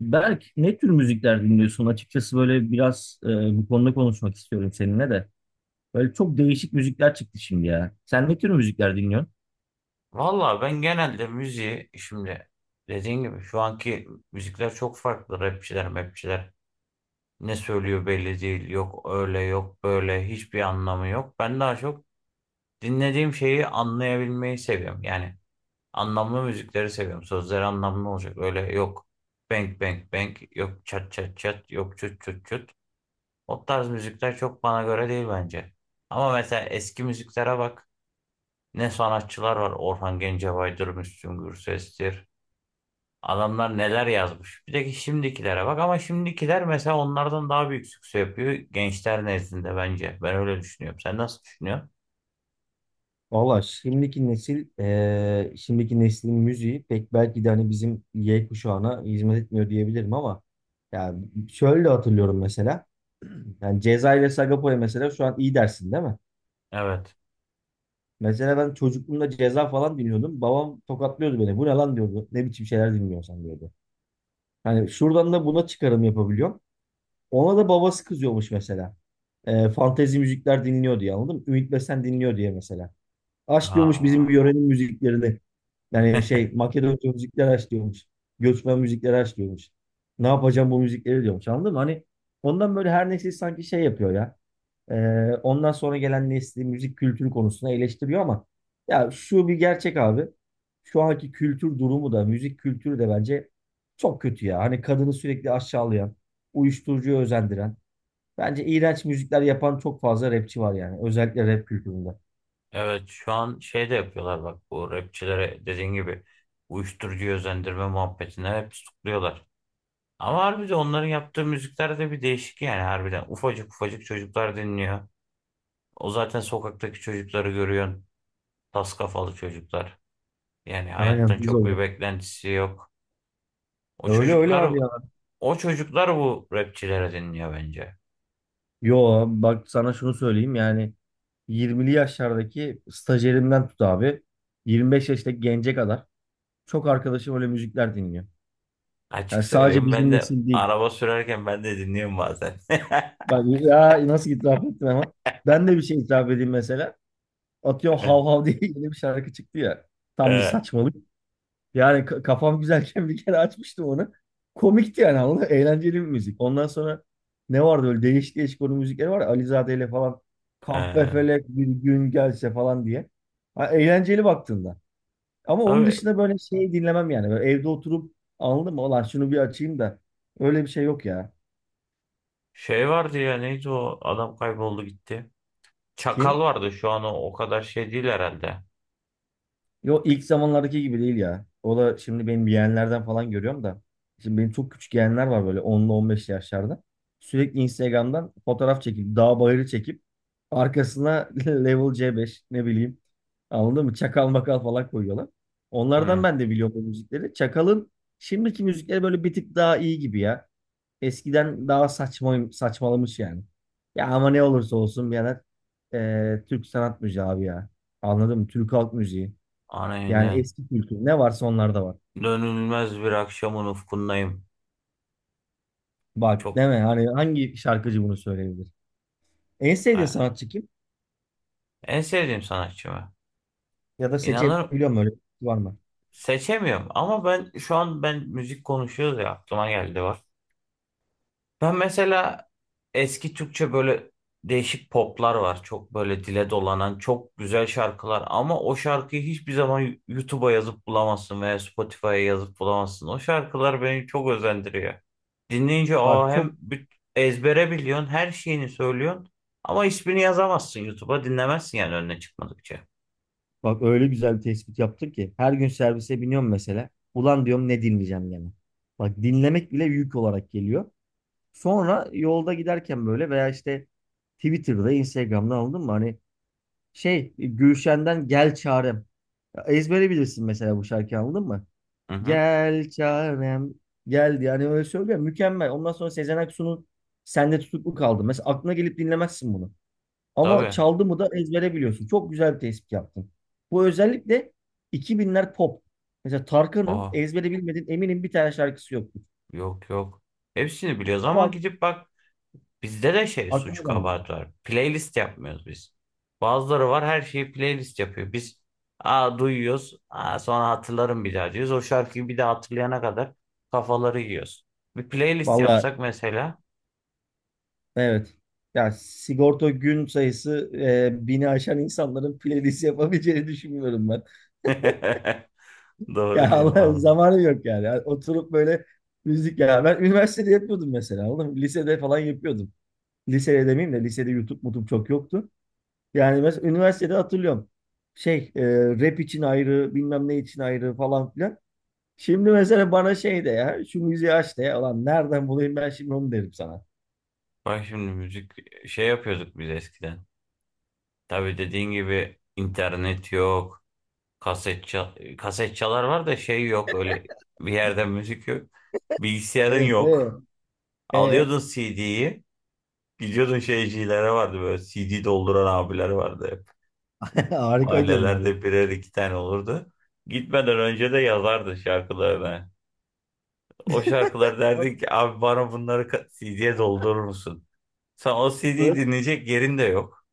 Berk, ne tür müzikler dinliyorsun? Açıkçası böyle biraz bu konuda konuşmak istiyorum seninle de. Böyle çok değişik müzikler çıktı şimdi ya. Sen ne tür müzikler dinliyorsun? Valla ben genelde müziği şimdi dediğin gibi şu anki müzikler çok farklı. Rapçiler, mapçiler ne söylüyor belli değil. Yok öyle yok böyle hiçbir anlamı yok. Ben daha çok dinlediğim şeyi anlayabilmeyi seviyorum. Yani anlamlı müzikleri seviyorum. Sözleri anlamlı olacak. Öyle yok bang bang bang yok çat çat çat yok çut çut çut. O tarz müzikler çok bana göre değil bence. Ama mesela eski müziklere bak. Ne sanatçılar var. Orhan Gencebay'dır, Müslüm Gürses'tir. Adamlar neler yazmış. Bir de ki şimdikilere bak ama şimdikiler mesela onlardan daha büyük sükse yapıyor gençler nezdinde bence. Ben öyle düşünüyorum. Sen nasıl düşünüyorsun? Valla şimdiki nesil, şimdiki neslin müziği pek belki de hani bizim Y kuşağına hizmet etmiyor diyebilirim ama yani şöyle hatırlıyorum mesela. Yani Ceza ile Sagopa'ya mesela şu an iyi dersin değil mi? Evet. Mesela ben çocukluğumda Ceza falan dinliyordum. Babam tokatlıyordu beni. Bu ne lan diyordu. Ne biçim şeyler dinliyorsan diyordu. Hani şuradan da buna çıkarım yapabiliyorum. Ona da babası kızıyormuş mesela. Fantezi müzikler dinliyor diye anladın mı? Ümit Besen dinliyor diye mesela. Aç diyormuş bizim Ha. yörenin müziklerini. Yani şey Makedonca müzikler aç diyormuş. Göçmen müzikleri aç diyormuş. Ne yapacağım bu müzikleri diyormuş anladın mı? Hani ondan böyle her neyse sanki şey yapıyor ya. Ee, Ondan sonra gelen nesli müzik kültürü konusunda eleştiriyor ama ya şu bir gerçek abi. Şu anki kültür durumu da müzik kültürü de bence çok kötü ya. Hani kadını sürekli aşağılayan, uyuşturucuya özendiren, bence iğrenç müzikler yapan çok fazla rapçi var yani. Özellikle rap kültüründe. Evet, şu an şey de yapıyorlar bak, bu rapçilere dediğin gibi uyuşturucu özendirme muhabbetine hep tutukluyorlar. Ama harbiden onların yaptığı müzikler de bir değişik, yani harbiden ufacık ufacık çocuklar dinliyor. O zaten sokaktaki çocukları görüyorsun. Tas kafalı çocuklar. Yani Aynen hayattan hız çok bir olarak. beklentisi yok. O Öyle öyle çocuklar abi ya. o çocuklar bu rapçilere dinliyor bence. Yo bak sana şunu söyleyeyim yani 20'li yaşlardaki stajyerimden tut abi 25 yaştaki gence kadar çok arkadaşım öyle müzikler dinliyor. Açık Yani sadece söyleyeyim, ben bizim de nesil değil. araba sürerken ben de dinliyorum bazen. Bak ya nasıl itiraf ettim ama. Ben de bir şey itiraf edeyim mesela. Atıyorum hav hav diye yeni bir şarkı çıktı ya. Tam bir Ee, saçmalık. Yani kafam güzelken bir kere açmıştım onu. Komikti yani anladın mı? Eğlenceli bir müzik. Ondan sonra ne vardı öyle değişik değişik onun müzikleri var ya. Alizade ile falan. ee. Kahpefelek bir gün gelse falan diye. Ha, eğlenceli baktığında. Ama onun Tabii dışında böyle şey dinlemem yani. Böyle evde oturup anladın mı? Ulan şunu bir açayım da. Öyle bir şey yok ya. şey vardı ya, neydi o adam, kayboldu gitti. Kim? Çakal vardı şu an, o kadar şey değil herhalde. Yo ilk zamanlardaki gibi değil ya. O da şimdi benim yeğenlerden falan görüyorum da. Şimdi benim çok küçük yeğenler var böyle onlu 15 yaşlarda. Sürekli Instagram'dan fotoğraf çekip, dağ bayırı çekip arkasına level C5 ne bileyim. Anladın mı? Çakal makal falan koyuyorlar. Onlardan Hı. ben de biliyorum bu müzikleri. Çakal'ın şimdiki müzikleri böyle bir tık daha iyi gibi ya. Eskiden daha saçma, saçmalamış yani. Ya ama ne olursa olsun birader Türk sanat müziği abi ya. Anladın mı? Türk halk müziği. Yani Aynen. eski kültür ne varsa onlarda var. Dönülmez bir akşamın ufkundayım. Bak Çok, deme hani hangi şarkıcı bunu söyleyebilir? En sevdiğin ah. sanatçı kim? En sevdiğim sanatçımı. Ya da İnanırım, seçebiliyor mu öyle bir şey var mı? seçemiyorum ama ben şu an ben müzik konuşuyoruz ya aklıma geldi var. Ben mesela eski Türkçe böyle değişik poplar var. Çok böyle dile dolanan çok güzel şarkılar ama o şarkıyı hiçbir zaman YouTube'a yazıp bulamazsın veya Spotify'a yazıp bulamazsın. O şarkılar beni çok özendiriyor. Dinleyince o Bak hem çok ezbere biliyorsun, her şeyini söylüyorsun ama ismini yazamazsın, YouTube'a dinlemezsin yani, önüne çıkmadıkça. Bak öyle güzel bir tespit yaptın ki her gün servise biniyorum mesela. Ulan diyorum ne dinleyeceğim gene. Bak dinlemek bile yük olarak geliyor. Sonra yolda giderken böyle veya işte Twitter'da, Instagram'da anladın mı? Hani şey Gülşen'den Gel Çarem. Ya Ezbere bilirsin mesela bu şarkıyı anladın mı? Hı hı. Gel çarem geldi. Yani öyle söylüyor. Mükemmel. Ondan sonra Sezen Aksu'nun Sende Tutuklu kaldı. Mesela aklına gelip dinlemezsin bunu. Ama Tabii. çaldı mı da ezbere biliyorsun. Çok güzel bir tespit yaptın. Bu özellikle 2000'ler pop. Mesela Tarkan'ın Aa, ezbere bilmediğin eminim bir tane şarkısı yoktu. yok yok. Hepsini biliyoruz ama Ama gidip bak. Bizde de şey, aklıma suç gelmiyor. kabahati var. Playlist yapmıyoruz biz. Bazıları var, her şeyi playlist yapıyor. Biz, aa, duyuyoruz. Aa, sonra hatırlarım bir daha diyoruz. O şarkıyı bir daha hatırlayana kadar kafaları yiyoruz. Bir playlist Vallahi yapsak mesela. evet. Ya sigorta gün sayısı 1000'i aşan insanların playlist yapabileceğini düşünmüyorum ben. Doğru Ya diyorum Allah lan. zamanı yok yani. Yani Oturup böyle müzik ya. Ben üniversitede yapıyordum mesela. Oğlum lisede falan yapıyordum. Lisede demeyeyim de lisede YouTube mutum çok yoktu. Yani mesela üniversitede hatırlıyorum. Şey e, Rap için ayrı bilmem ne için ayrı falan filan. Şimdi mesela bana şey de ya şu müziği aç de ya. Ulan nereden bulayım ben şimdi onu derim sana. Bak şimdi müzik şey yapıyorduk biz eskiden. Tabii dediğin gibi internet yok. Kaset çal kaset çalar var da, şey yok öyle bir yerden müzik yok. Bilgisayarın Evet yok. evet. E Alıyordun CD'yi. Biliyordun, şeycilere vardı böyle, CD dolduran abiler vardı hep. harikaydı onlar ya. Mahallelerde birer iki tane olurdu. Gitmeden önce de yazardı şarkılarını. O şarkıları derdik ki abi bana bunları CD'ye doldurur musun? Sen o CD'yi dinleyecek yerin de yok.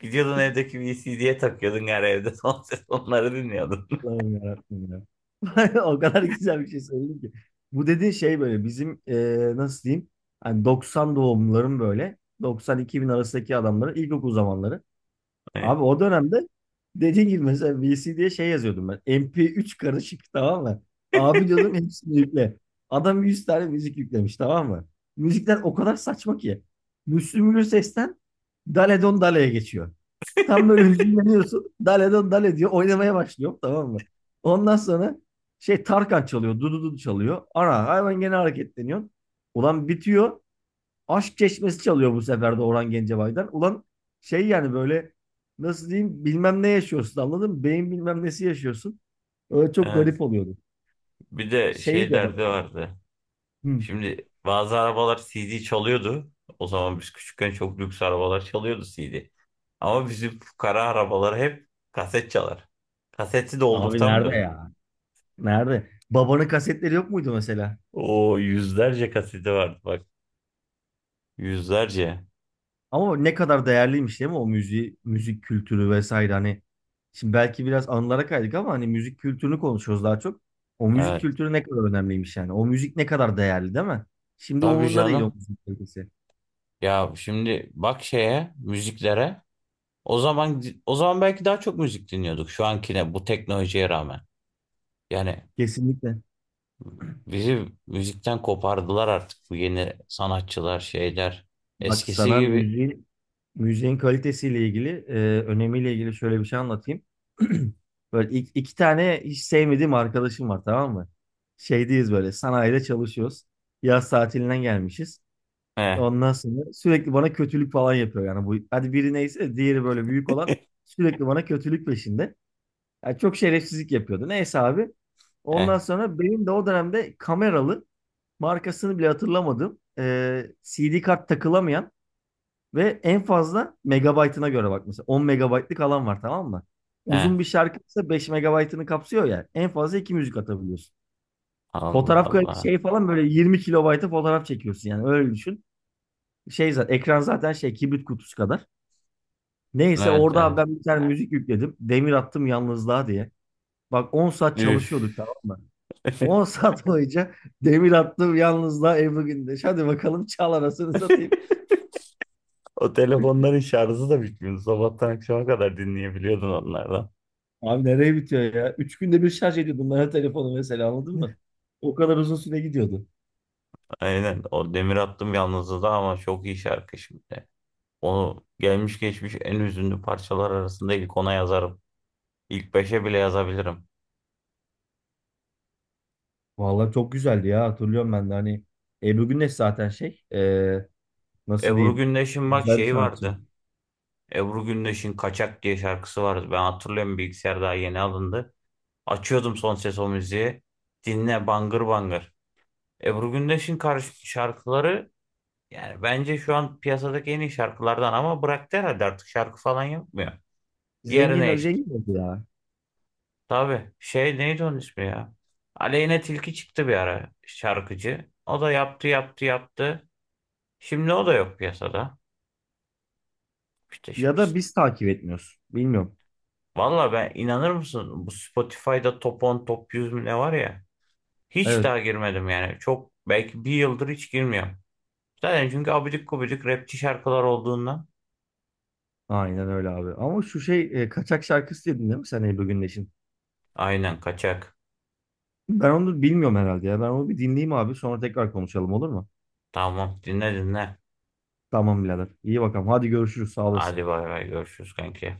Gidiyordun evdeki bir CD'ye takıyordun her evde son ses onları dinliyordun. Allah'ım yarabbim ya. O kadar güzel bir şey söyledin ki. Bu dediğin şey böyle bizim nasıl diyeyim? Hani 90 doğumluların böyle 90-2000 arasındaki adamların ilkokul zamanları. Abi o dönemde dediğin gibi mesela VC diye şey yazıyordum ben. MP3 karışık tamam mı? Abi diyordum hepsini yükle. Adam 100 tane müzik yüklemiş tamam mı? Müzikler o kadar saçma ki. Müslüm Gürses'ten Dale Don Dale'ye geçiyor. Tam böyle hüzünleniyorsun. Dale don dale diyor. Oynamaya başlıyor tamam mı? Ondan sonra şey Tarkan çalıyor. Dududu çalıyor. Ana hayvan gene hareketleniyor. Ulan bitiyor. Aşk Çeşmesi çalıyor bu sefer de Orhan Gencebay'dan. Ulan şey yani böyle nasıl diyeyim bilmem ne yaşıyorsun anladın mı? Beyin bilmem nesi yaşıyorsun. Öyle çok Evet. garip oluyordu. Bir de Şey şey de bak. derdi vardı. Hı. Şimdi bazı arabalar CD çalıyordu. O zaman biz küçükken çok lüks arabalar çalıyordu CD. Ama bizim fukara arabalar hep kaset çalar. Kaseti Abi nerede doldurtamıyordun. ya? Nerede? Babanın kasetleri yok muydu mesela? O yüzlerce kaseti vardı bak. Yüzlerce. Ama ne kadar değerliymiş değil mi o müziği, müzik kültürü vesaire hani. Şimdi belki biraz anılara kaydık ama hani müzik kültürünü konuşuyoruz daha çok. O müzik Evet. kültürü ne kadar önemliymiş yani. O müzik ne kadar değerli değil mi? Şimdi Tabii umurunda değil o canım. müzik kalitesi. Ya şimdi bak şeye, müziklere. O zaman belki daha çok müzik dinliyorduk şu ankine, bu teknolojiye rağmen. Yani Kesinlikle. bizi müzikten kopardılar artık bu yeni sanatçılar, şeyler. Bak Eskisi sana gibi. müziğin kalitesiyle ilgili, önemiyle ilgili şöyle bir şey anlatayım. Böyle iki tane hiç sevmediğim arkadaşım var tamam mı? Şeydeyiz böyle sanayide çalışıyoruz. Yaz tatilinden gelmişiz. Eh, Ondan sonra sürekli bana kötülük falan yapıyor yani bu. Hadi biri neyse diğeri böyle büyük olan sürekli bana kötülük peşinde. Yani çok şerefsizlik yapıyordu. Neyse abi. Ondan eh, sonra benim de o dönemde kameralı markasını bile hatırlamadım. CD kart takılamayan ve en fazla megabaytına göre bak mesela 10 megabaytlık alan var tamam mı? Uzun eh. bir şarkıysa 5 megabaytını kapsıyor ya. En fazla 2 müzik atabiliyorsun. Allah Fotoğraf kayıt Allah. şey falan böyle 20 kilobayta fotoğraf çekiyorsun yani öyle düşün. Şey zaten ekran zaten şey kibrit kutusu kadar. Neyse Evet, orada abi evet. ben bir tane müzik yükledim. Demir attım yalnızlığa diye. Bak 10 saat Üf. çalışıyorduk tamam mı? 10 saat boyunca demir attım yalnızlığa Ebru Gündeş. Hadi bakalım çal arasını satayım. O telefonların şarjı da bitmiyordu. Sabahtan akşama kadar dinleyebiliyordun onlardan. Abi nereye bitiyor ya? 3 günde bir şarj ediyordum ben o telefonu mesela anladın mı? O kadar uzun süre gidiyordu. Aynen. O Demir Attım Yalnızlığı da ama çok iyi şarkı şimdi. Onu gelmiş geçmiş en hüzünlü parçalar arasında ilk 10'a yazarım. İlk beşe bile yazabilirim. Vallahi çok güzeldi ya hatırlıyorum ben de hani Ebru Güneş zaten şey nasıl Ebru diyeyim Gündeş'in bak güzel bir şeyi sanatçı. vardı. Ebru Gündeş'in Kaçak diye şarkısı vardı. Ben hatırlıyorum, bilgisayar daha yeni alındı. Açıyordum son ses o müziği. Dinle bangır bangır. Ebru Gündeş'in karşı şarkıları yani bence şu an piyasadaki en iyi şarkılardan, ama bıraktı herhalde, artık şarkı falan yapmıyor. Yerine Zengin işte. zengin oldu ya. Tabii şey, neydi onun ismi ya? Aleyna Tilki çıktı bir ara, şarkıcı. O da yaptı, yaptı, yaptı. Şimdi o da yok piyasada. İşte Ya şimdi. da biz takip etmiyoruz. Bilmiyorum. Valla ben, inanır mısın, bu Spotify'da top 10 top 100 mü ne var ya. Hiç Evet. daha girmedim yani. Çok belki bir yıldır hiç girmiyorum. Zaten çünkü abidik gubidik rapçi şarkılar olduğundan. Aynen öyle abi. Ama şu şey kaçak şarkısı dedin değil mi sen Ebru Gündeş'in? Aynen, kaçak. Ben onu bilmiyorum herhalde ya. Ben onu bir dinleyeyim abi. Sonra tekrar konuşalım olur mu? Tamam, dinle dinle. Tamam birader. İyi bakalım. Hadi görüşürüz. Sağ olasın. Hadi bay bay, görüşürüz kanki.